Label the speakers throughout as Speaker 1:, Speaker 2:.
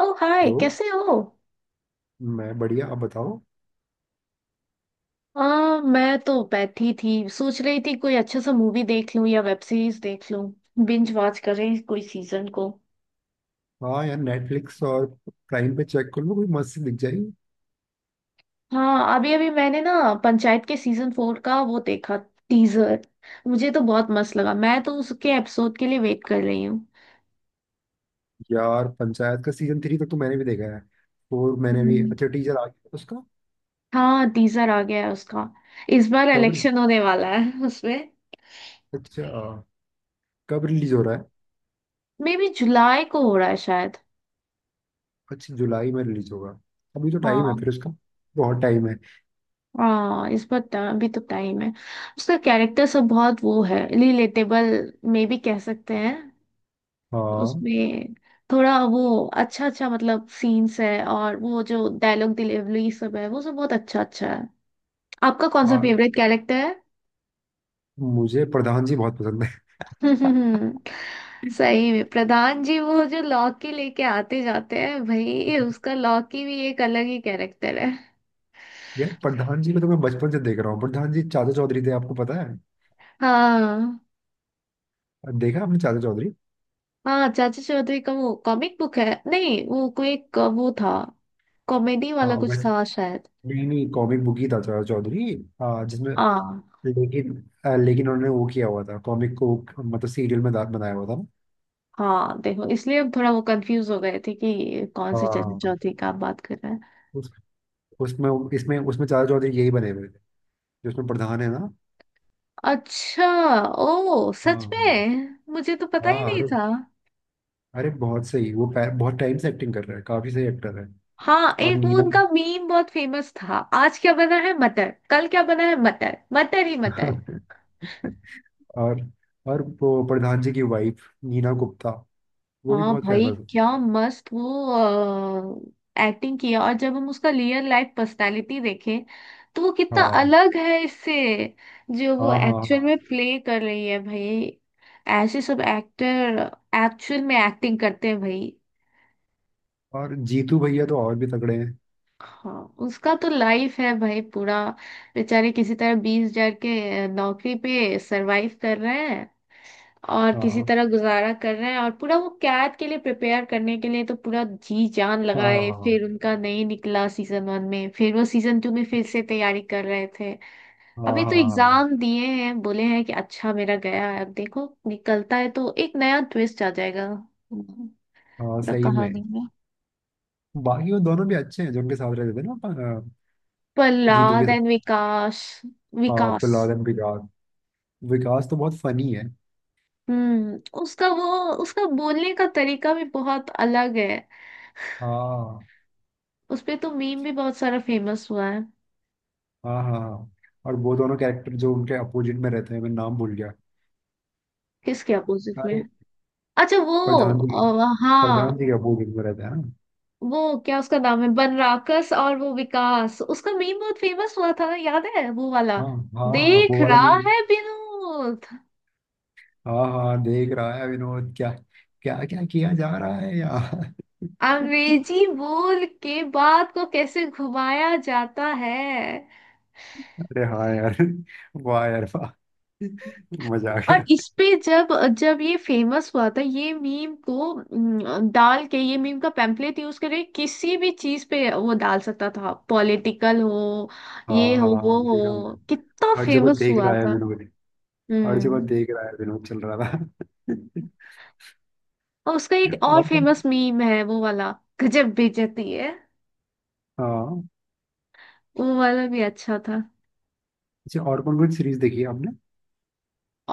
Speaker 1: ओ hi
Speaker 2: hello.
Speaker 1: कैसे हो।
Speaker 2: मैं बढ़िया, आप बताओ।
Speaker 1: आ, मैं तो बैठी थी सोच रही थी कोई अच्छे सा मूवी देख लूं या वेब सीरीज देख लूं, बिंज वॉच करें कोई सीजन को।
Speaker 2: हाँ यार, नेटफ्लिक्स और प्राइम पे चेक कर लो, कोई मस्त सी दिख जाएगी।
Speaker 1: हाँ अभी अभी मैंने ना पंचायत के सीजन फोर का वो देखा, टीजर। मुझे तो बहुत मस्त लगा, मैं तो उसके एपिसोड के लिए वेट कर रही हूँ।
Speaker 2: यार पंचायत का सीजन 3 तक तो मैंने भी देखा है। फोर मैंने भी,
Speaker 1: हम्म,
Speaker 2: अच्छा टीजर आ गया उसका।
Speaker 1: हाँ टीजर आ गया है उसका। इस बार
Speaker 2: कब?
Speaker 1: इलेक्शन होने वाला है उसमें।
Speaker 2: अच्छा, कब रिलीज हो रहा है?
Speaker 1: मे बी जुलाई को हो रहा है शायद।
Speaker 2: अच्छा, जुलाई में रिलीज होगा। अभी तो टाइम है
Speaker 1: हाँ।
Speaker 2: फिर उसका। बहुत टाइम है।
Speaker 1: हाँ, अभी तो टाइम है। उसका कैरेक्टर सब बहुत वो है, रिलेटेबल में भी कह सकते हैं
Speaker 2: हाँ
Speaker 1: उसमें। थोड़ा वो अच्छा अच्छा मतलब सीन्स है, और वो जो डायलॉग डिलीवरी सब है वो सब बहुत अच्छा अच्छा है। आपका कौन सा
Speaker 2: हाँ।
Speaker 1: फेवरेट कैरेक्टर है?
Speaker 2: मुझे प्रधान जी बहुत पसंद है।
Speaker 1: सही में प्रधान जी वो जो लौकी लेके आते जाते हैं भाई, उसका लौकी भी एक अलग ही कैरेक्टर है।
Speaker 2: यार प्रधान जी को तो मैं बचपन से देख रहा हूँ। प्रधान जी चाचा चौधरी थे, आपको पता है?
Speaker 1: हाँ।
Speaker 2: देखा आपने चाचा चौधरी?
Speaker 1: हाँ चाची चौधरी का वो कॉमिक बुक है। नहीं वो कोई एक वो था, कॉमेडी वाला
Speaker 2: हाँ
Speaker 1: कुछ
Speaker 2: वैसे,
Speaker 1: था शायद।
Speaker 2: नहीं नहीं, कॉमिक बुक ही था चाचा चौधरी। हाँ जिसमें,
Speaker 1: हाँ।
Speaker 2: लेकिन लेकिन उन्होंने वो किया हुआ था, कॉमिक को मतलब सीरियल में बनाया हुआ था ना।
Speaker 1: हाँ देखो, इसलिए हम थोड़ा वो कंफ्यूज हो गए थे कि कौन से चाची
Speaker 2: हाँ।
Speaker 1: चौधरी का आप बात कर रहे हैं।
Speaker 2: उस उसमें इसमें उसमें चाचा चौधरी यही बने हुए थे, जो उसमें प्रधान है ना।
Speaker 1: अच्छा। ओ सच
Speaker 2: हाँ
Speaker 1: में, मुझे तो पता ही
Speaker 2: हाँ।
Speaker 1: नहीं
Speaker 2: अरे,
Speaker 1: था।
Speaker 2: अरे बहुत सही वो बहुत टाइम से एक्टिंग कर रहा है, काफी सही एक्टर है।
Speaker 1: हाँ
Speaker 2: और
Speaker 1: एक वो
Speaker 2: नीना।
Speaker 1: उनका मीम बहुत फेमस था। आज क्या बना है मटर, कल क्या बना है मटर, मटर ही मटर।
Speaker 2: और वो प्रधान जी की वाइफ नीना गुप्ता, वो भी
Speaker 1: हाँ
Speaker 2: बहुत
Speaker 1: भाई,
Speaker 2: फेमस है।
Speaker 1: क्या मस्त वो एक्टिंग किया, और जब हम उसका रियल लाइफ पर्सनालिटी देखें तो वो कितना
Speaker 2: हाँ
Speaker 1: अलग है इससे, जो वो
Speaker 2: हाँ हाँ
Speaker 1: एक्चुअल
Speaker 2: हाँ।
Speaker 1: में प्ले कर रही है भाई। ऐसे सब एक्टर एक्चुअल में एक्टिंग करते हैं भाई।
Speaker 2: और जीतू भैया तो और भी तगड़े हैं।
Speaker 1: हाँ उसका तो लाइफ है भाई पूरा। बेचारे किसी तरह 20,000 के नौकरी पे सरवाइव कर रहे हैं और
Speaker 2: हाँ
Speaker 1: किसी
Speaker 2: हाँ
Speaker 1: तरह गुजारा कर रहे हैं, और पूरा वो कैद के लिए प्रिपेयर करने के लिए तो पूरा जी जान लगाए,
Speaker 2: हाँ
Speaker 1: फिर उनका नहीं निकला सीजन वन में, फिर वो सीजन टू में फिर से तैयारी कर रहे थे।
Speaker 2: हाँ,
Speaker 1: अभी
Speaker 2: हाँ
Speaker 1: तो
Speaker 2: हाँ, हाँ,
Speaker 1: एग्जाम दिए हैं, बोले हैं कि अच्छा मेरा गया है, अब देखो निकलता है तो एक नया ट्विस्ट आ जाएगा पूरा
Speaker 2: हाँ, सही में।
Speaker 1: कहानी में।
Speaker 2: बाकी वो दोनों भी अच्छे हैं जो उनके साथ रहते थे ना अपन, जीतू के
Speaker 1: प्रहलाद एंड
Speaker 2: साथ।
Speaker 1: विकास।
Speaker 2: हाँ,
Speaker 1: विकास।
Speaker 2: प्रहलाद एंड विकास। विकास तो बहुत फनी है।
Speaker 1: हम्म उसका वो उसका बोलने का तरीका भी बहुत अलग है।
Speaker 2: हाँ
Speaker 1: उसपे तो मीम भी बहुत सारा फेमस हुआ है।
Speaker 2: हाँ हाँ हाँ। और वो दोनों कैरेक्टर जो उनके अपोजिट में रहते हैं, मैं नाम भूल गया।
Speaker 1: किसके अपोजिट में?
Speaker 2: अरे,
Speaker 1: अच्छा वो,
Speaker 2: प्रधान जी
Speaker 1: हाँ।
Speaker 2: प्रधान जी के अपोजिट में रहते हैं ना।
Speaker 1: वो क्या उसका नाम है, बनराकस, और वो विकास, उसका मीम बहुत फेमस हुआ था, याद है वो वाला?
Speaker 2: हाँ हाँ, हाँ
Speaker 1: देख
Speaker 2: वो वाला
Speaker 1: रहा
Speaker 2: मीम।
Speaker 1: है विनोद।
Speaker 2: हाँ हाँ, देख रहा है विनोद क्या, क्या क्या किया जा रहा है यार।
Speaker 1: अंग्रेजी बोल के बात को कैसे घुमाया जाता है।
Speaker 2: अरे हाँ यार, वाह यार वाह, मजा आ
Speaker 1: और
Speaker 2: गया।
Speaker 1: इस पे जब जब ये फेमस हुआ था ये मीम को, डाल के ये मीम का पैम्फलेट यूज करके किसी भी चीज पे वो डाल सकता था, पॉलिटिकल हो,
Speaker 2: हाँ
Speaker 1: ये
Speaker 2: हाँ
Speaker 1: हो, वो
Speaker 2: हाँ, देखा
Speaker 1: हो,
Speaker 2: मैंने।
Speaker 1: कितना
Speaker 2: हर जगह
Speaker 1: फेमस
Speaker 2: देख
Speaker 1: हुआ
Speaker 2: रहा है
Speaker 1: था।
Speaker 2: विनोद। हर जगह
Speaker 1: हम्म
Speaker 2: देख रहा है विनोद चल रहा था।
Speaker 1: और उसका एक और
Speaker 2: और कौन?
Speaker 1: फेमस मीम है वो वाला। गजब बेइज्जती है,
Speaker 2: हाँ,
Speaker 1: वो वाला भी अच्छा था।
Speaker 2: अच्छा और कौन कौन सीरीज देखी है आपने?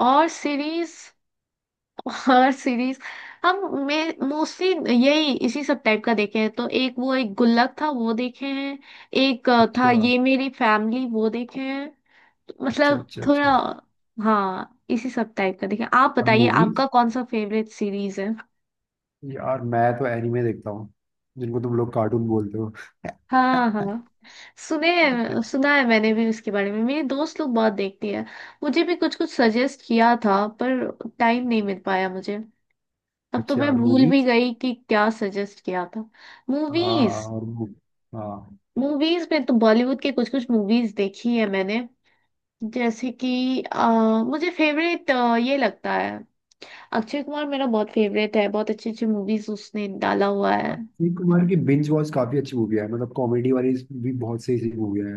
Speaker 1: और सीरीज, हॉरर सीरीज। हम, मैं मोस्टली यही इसी सब टाइप का देखे हैं, तो एक वो एक गुल्लक था वो देखे हैं। एक था
Speaker 2: अच्छा
Speaker 1: ये मेरी फैमिली, वो देखे हैं। तो
Speaker 2: अच्छा
Speaker 1: मतलब
Speaker 2: अच्छा।
Speaker 1: थोड़ा,
Speaker 2: अच्छा
Speaker 1: हाँ इसी सब टाइप का देखे हैं। आप
Speaker 2: और
Speaker 1: बताइए
Speaker 2: मूवीज?
Speaker 1: आपका कौन सा फेवरेट सीरीज है?
Speaker 2: यार मैं तो एनिमे देखता हूँ, जिनको तुम लोग कार्टून बोलते हो।
Speaker 1: हाँ। हाँ सुना है मैंने भी उसके बारे में, मेरी दोस्त लोग बहुत देखती है। मुझे भी कुछ कुछ सजेस्ट किया था, पर टाइम नहीं मिल पाया मुझे। अब तो
Speaker 2: अच्छा
Speaker 1: मैं
Speaker 2: और
Speaker 1: भूल भी
Speaker 2: मूवीज?
Speaker 1: गई कि क्या सजेस्ट किया था।
Speaker 2: हाँ हाँ,
Speaker 1: मूवीज।
Speaker 2: हाँ।
Speaker 1: मूवीज में तो बॉलीवुड के कुछ कुछ मूवीज देखी है मैंने। जैसे कि मुझे फेवरेट ये लगता है, अक्षय कुमार मेरा बहुत फेवरेट है, बहुत अच्छी अच्छी मूवीज उसने डाला हुआ है।
Speaker 2: अक्षय कुमार की बिंज वॉच काफी अच्छी मूवी है, मतलब कॉमेडी वाली भी बहुत सही सही मूवी है।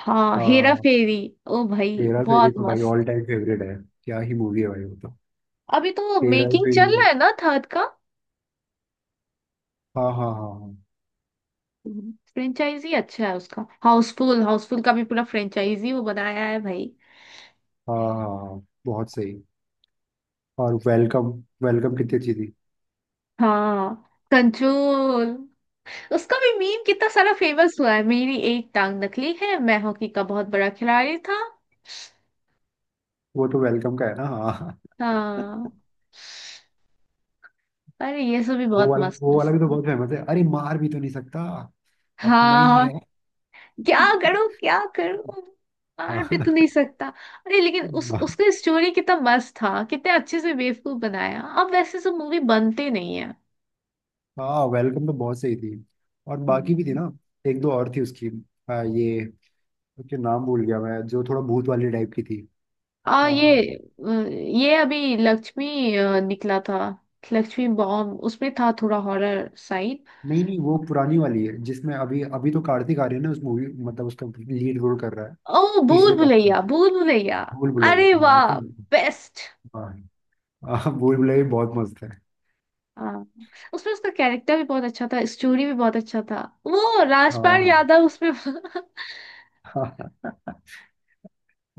Speaker 1: हाँ हेरा
Speaker 2: हाँ
Speaker 1: फेरी। ओ भाई
Speaker 2: हेरा फेरी
Speaker 1: बहुत
Speaker 2: तो भाई
Speaker 1: मस्त।
Speaker 2: ऑल टाइम फेवरेट है। क्या ही मूवी है भाई वो तो।
Speaker 1: अभी तो
Speaker 2: हेरा
Speaker 1: मेकिंग चल रहा
Speaker 2: फेरी
Speaker 1: है ना थर्ड का।
Speaker 2: हाँ हाँ हाँ हाँ।
Speaker 1: फ्रेंचाइजी अच्छा है उसका, हाउसफुल हाउसफुल का भी पूरा फ्रेंचाइजी वो बनाया है भाई।
Speaker 2: हाँ हाँ, हाँ, बहुत सही। और वेलकम, वेलकम कितनी अच्छी थी।
Speaker 1: हाँ कंट्रोल, उसका भी मीम कितना सारा फेमस हुआ है, मेरी एक टांग नकली है, मैं हॉकी का बहुत बड़ा खिलाड़ी था।
Speaker 2: वो तो वेलकम का है ना, हाँ।
Speaker 1: हाँ। अरे ये सब भी बहुत मस्त
Speaker 2: वो वाला
Speaker 1: मस्त
Speaker 2: भी तो
Speaker 1: था।
Speaker 2: बहुत फेमस है, अरे मार भी तो नहीं सकता, अपना ही
Speaker 1: हाँ
Speaker 2: है। हाँ।
Speaker 1: क्या करूं क्या करूं, मार भी तो नहीं सकता। अरे लेकिन उस उसका स्टोरी कितना मस्त था, कितने अच्छे से बेवकूफ बनाया, अब वैसे सब मूवी बनते नहीं है।
Speaker 2: हाँ वेलकम तो बहुत सही थी। और बाकी भी थी
Speaker 1: हम्म।
Speaker 2: ना, एक दो और थी उसकी। ये उसके नाम भूल गया मैं, जो थोड़ा भूत वाली टाइप की थी।
Speaker 1: आ
Speaker 2: आ,
Speaker 1: ये अभी लक्ष्मी निकला था, लक्ष्मी बॉम्ब, उसमें था थोड़ा हॉरर साइड।
Speaker 2: नहीं नहीं, वो पुरानी वाली है जिसमें अभी अभी तो कार्तिक आर्यन है उस मूवी, मतलब उसका लीड रोल कर रहा है
Speaker 1: ओ भूल
Speaker 2: तीसरे पार्ट में।
Speaker 1: भुलैया, भूल भुलैया।
Speaker 2: भूल भुलैया
Speaker 1: अरे
Speaker 2: हाँ
Speaker 1: वाह, बेस्ट।
Speaker 2: हाँ। हाँ, भूल भुलैया भी बहुत मस्त है।
Speaker 1: हाँ उसमें उसका कैरेक्टर भी बहुत अच्छा था, स्टोरी भी बहुत अच्छा था। वो राजपाल
Speaker 2: हाँ
Speaker 1: यादव उसमें।
Speaker 2: हाँ।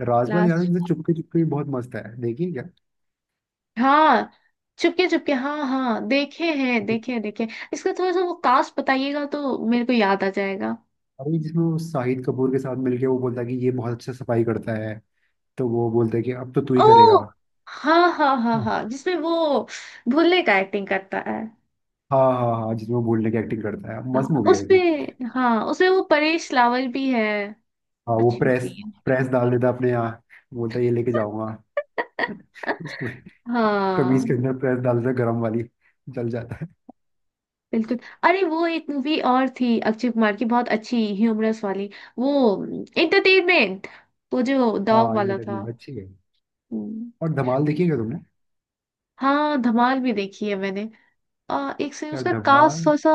Speaker 2: राजपाल यादव
Speaker 1: लास्ट।
Speaker 2: की तो चुपके चुपके भी बहुत मस्त है, देखिए क्या।
Speaker 1: हाँ चुपके चुपके, हाँ हाँ देखे हैं, देखे हैं, देखे हैं। इसका थोड़ा सा वो कास्ट बताइएगा तो मेरे को याद आ जाएगा।
Speaker 2: अरे जिसमें वो शाहिद कपूर के साथ मिलके वो बोलता है कि ये बहुत अच्छा सफाई करता है, तो वो बोलता है कि अब तो तू ही
Speaker 1: ओ
Speaker 2: करेगा।
Speaker 1: हाँ हाँ हाँ
Speaker 2: हाँ
Speaker 1: हाँ, जिसमें वो भुल्ले का एक्टिंग करता है।
Speaker 2: हाँ हाँ जिसमें वो बोलने की एक्टिंग करता है, मस्त
Speaker 1: हाँ
Speaker 2: मूवी है अभी।
Speaker 1: उसमें, हाँ उसमें वो परेश रावल भी है।
Speaker 2: हाँ वो
Speaker 1: अच्छी मूवी
Speaker 2: प्रेस,
Speaker 1: है।
Speaker 2: प्रेस डाल देता है अपने यहाँ, बोलता है ये लेके जाऊंगा। उसको कमीज के
Speaker 1: हाँ
Speaker 2: अंदर प्रेस डाल देता है गरम वाली, जल जाता है।
Speaker 1: बिल्कुल। अरे वो एक मूवी और थी अक्षय कुमार की, बहुत अच्छी ह्यूमरस वाली, वो एंटरटेनमेंट, वो जो डॉग
Speaker 2: हाँ
Speaker 1: वाला था।
Speaker 2: एंटरटेनमेंट अच्छी है।
Speaker 1: हम्म,
Speaker 2: और धमाल देखिएगा तुमने?
Speaker 1: हाँ धमाल भी देखी है मैंने। एक से
Speaker 2: यार
Speaker 1: उसका कास्ट
Speaker 2: धमाल,
Speaker 1: थोड़ा सा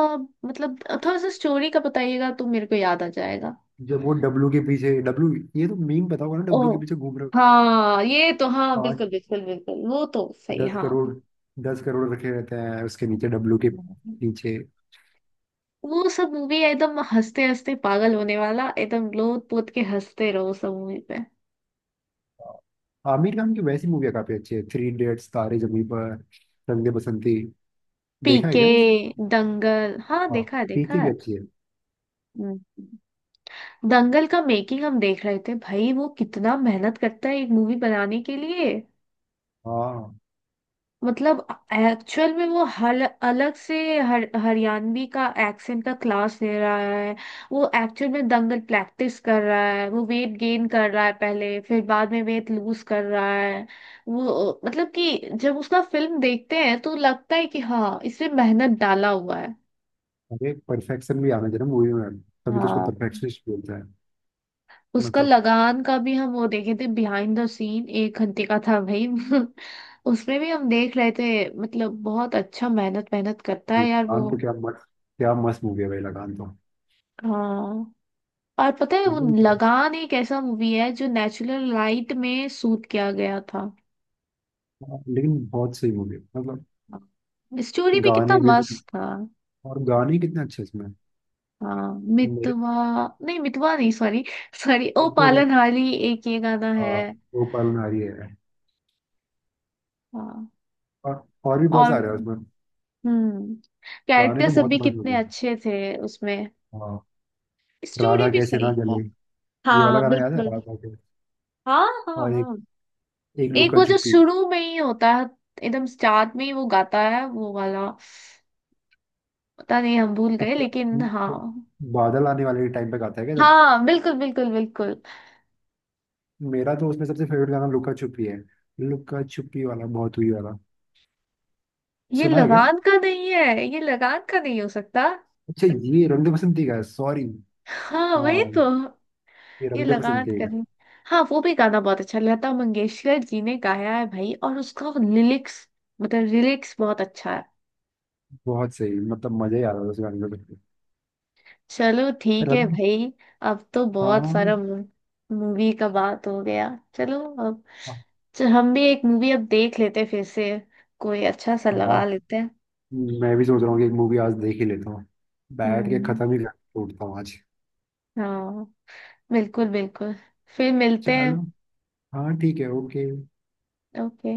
Speaker 1: मतलब थोड़ा सा स्टोरी का बताइएगा तो मेरे को याद आ जाएगा।
Speaker 2: जब वो डब्लू के पीछे डब्लू, ये तो मीम पता होगा ना,
Speaker 1: ओ
Speaker 2: डब्लू के पीछे घूम रहे हो।
Speaker 1: हाँ ये तो, हाँ
Speaker 2: आठ
Speaker 1: बिल्कुल बिल्कुल बिल्कुल, वो तो सही
Speaker 2: दस
Speaker 1: हाँ।
Speaker 2: करोड़ 10 करोड़ रखे रहते हैं उसके नीचे डब्लू के पीछे।
Speaker 1: वो सब मूवी एकदम हंसते हंसते पागल होने वाला, एकदम लोट पोत के हंसते रहो सब मूवी पे।
Speaker 2: आमिर खान की वैसी मूवियाँ काफी अच्छी है, थ्री इडियट्स, तारे जमीन पर, रंग दे बसंती, देखा है
Speaker 1: पीके,
Speaker 2: क्या ये सब?
Speaker 1: दंगल, हाँ
Speaker 2: हाँ,
Speaker 1: देखा है,
Speaker 2: पीके
Speaker 1: देखा
Speaker 2: भी
Speaker 1: है।
Speaker 2: अच्छी है।
Speaker 1: हम्म। दंगल का मेकिंग हम देख रहे थे भाई, वो कितना मेहनत करता है एक मूवी बनाने के लिए।
Speaker 2: हाँ
Speaker 1: मतलब एक्चुअल में वो हल अलग से हरियाणवी का एक्सेंट का क्लास ले रहा है, वो एक्चुअल में दंगल प्रैक्टिस कर रहा है, वो वेट गेन कर रहा है पहले, फिर बाद में वेट लूज कर रहा है। वो मतलब कि जब उसका फिल्म देखते हैं तो लगता है कि हाँ, इसमें मेहनत डाला हुआ है।
Speaker 2: अरे परफेक्शन भी आना चाहिए मूवी में, तभी तो उसको
Speaker 1: हाँ
Speaker 2: परफेक्शनिस्ट बोलते हैं।
Speaker 1: उसका
Speaker 2: मतलब
Speaker 1: लगान का भी हम वो देखे थे, बिहाइंड द सीन एक घंटे का था भाई। उसमें भी हम देख रहे थे, मतलब बहुत अच्छा, मेहनत मेहनत करता है यार वो।
Speaker 2: लगान तो क्या मस्त, क्या मस्त मूवी है भाई लगान तो।
Speaker 1: हाँ और पता है, वो
Speaker 2: मतलब
Speaker 1: लगान एक ऐसा मूवी है जो नेचुरल लाइट में शूट किया गया था।
Speaker 2: लेकिन बहुत सही मूवी है मतलब।
Speaker 1: स्टोरी भी कितना
Speaker 2: गाने भी,
Speaker 1: मस्त था।
Speaker 2: और गाने कितने अच्छे इसमें।
Speaker 1: हाँ
Speaker 2: मेरे
Speaker 1: मितवा, नहीं मितवा नहीं, सॉरी सॉरी, ओ
Speaker 2: ऊपर,
Speaker 1: पालनहारी, एक ये गाना है।
Speaker 2: हाँ गोपाल नारी है।
Speaker 1: हाँ।
Speaker 2: और और भी बहुत
Speaker 1: और
Speaker 2: सारे हैं उसमें।
Speaker 1: हम्म,
Speaker 2: गाने
Speaker 1: कैरेक्टर
Speaker 2: तो
Speaker 1: सब
Speaker 2: बहुत
Speaker 1: भी
Speaker 2: मस्त
Speaker 1: कितने
Speaker 2: लगे।
Speaker 1: अच्छे थे उसमें,
Speaker 2: हाँ
Speaker 1: स्टोरी
Speaker 2: राधा
Speaker 1: भी
Speaker 2: कैसे
Speaker 1: सही
Speaker 2: ना
Speaker 1: है।
Speaker 2: जले, ये वाला
Speaker 1: हाँ
Speaker 2: गाना याद है
Speaker 1: बिल्कुल।
Speaker 2: राधा के।
Speaker 1: हाँ हाँ
Speaker 2: और एक,
Speaker 1: हाँ, एक
Speaker 2: लुका
Speaker 1: वो जो
Speaker 2: छुपी।
Speaker 1: शुरू में ही होता है, एकदम स्टार्ट में ही वो गाता है वो वाला, पता नहीं हम भूल गए
Speaker 2: अच्छा
Speaker 1: लेकिन
Speaker 2: वो
Speaker 1: हाँ।
Speaker 2: बादल आने वाले टाइम पे गाता है क्या, जब?
Speaker 1: हाँ बिल्कुल बिल्कुल बिल्कुल।
Speaker 2: मेरा तो उसमें सबसे फेवरेट गाना लुका छुपी है, लुका छुपी वाला बहुत हुई वाला,
Speaker 1: ये
Speaker 2: सुना है क्या?
Speaker 1: लगान का नहीं है, ये लगान का नहीं हो सकता।
Speaker 2: अच्छा ये रंग दे बसंती का है, सॉरी।
Speaker 1: हाँ वही
Speaker 2: हाँ
Speaker 1: तो,
Speaker 2: ये
Speaker 1: ये
Speaker 2: रंग दे
Speaker 1: लगान
Speaker 2: बसंती
Speaker 1: का
Speaker 2: का है।
Speaker 1: नहीं। हाँ वो भी गाना बहुत अच्छा, लता मंगेशकर जी ने गाया है भाई, और उसका लिरिक्स, मतलब लिरिक्स बहुत अच्छा है।
Speaker 2: बहुत सही, मतलब मजा ही आ रहा था उस गाने में।
Speaker 1: चलो ठीक है
Speaker 2: रंग,
Speaker 1: भाई, अब तो
Speaker 2: हाँ
Speaker 1: बहुत
Speaker 2: हाँ।
Speaker 1: सारा मूवी का बात हो गया। चलो, अब चल हम भी एक मूवी अब देख लेते हैं फिर से, कोई अच्छा सा लगा
Speaker 2: हाँ
Speaker 1: लेते हैं।
Speaker 2: मैं भी सोच रहा हूँ कि एक मूवी आज देख ही लेता हूँ, बैठ के
Speaker 1: हम्म।
Speaker 2: खत्म ही कर छोड़ता हूँ आज।
Speaker 1: हाँ बिल्कुल बिल्कुल। फिर मिलते हैं।
Speaker 2: चलो हाँ ठीक है, ओके।
Speaker 1: ओके।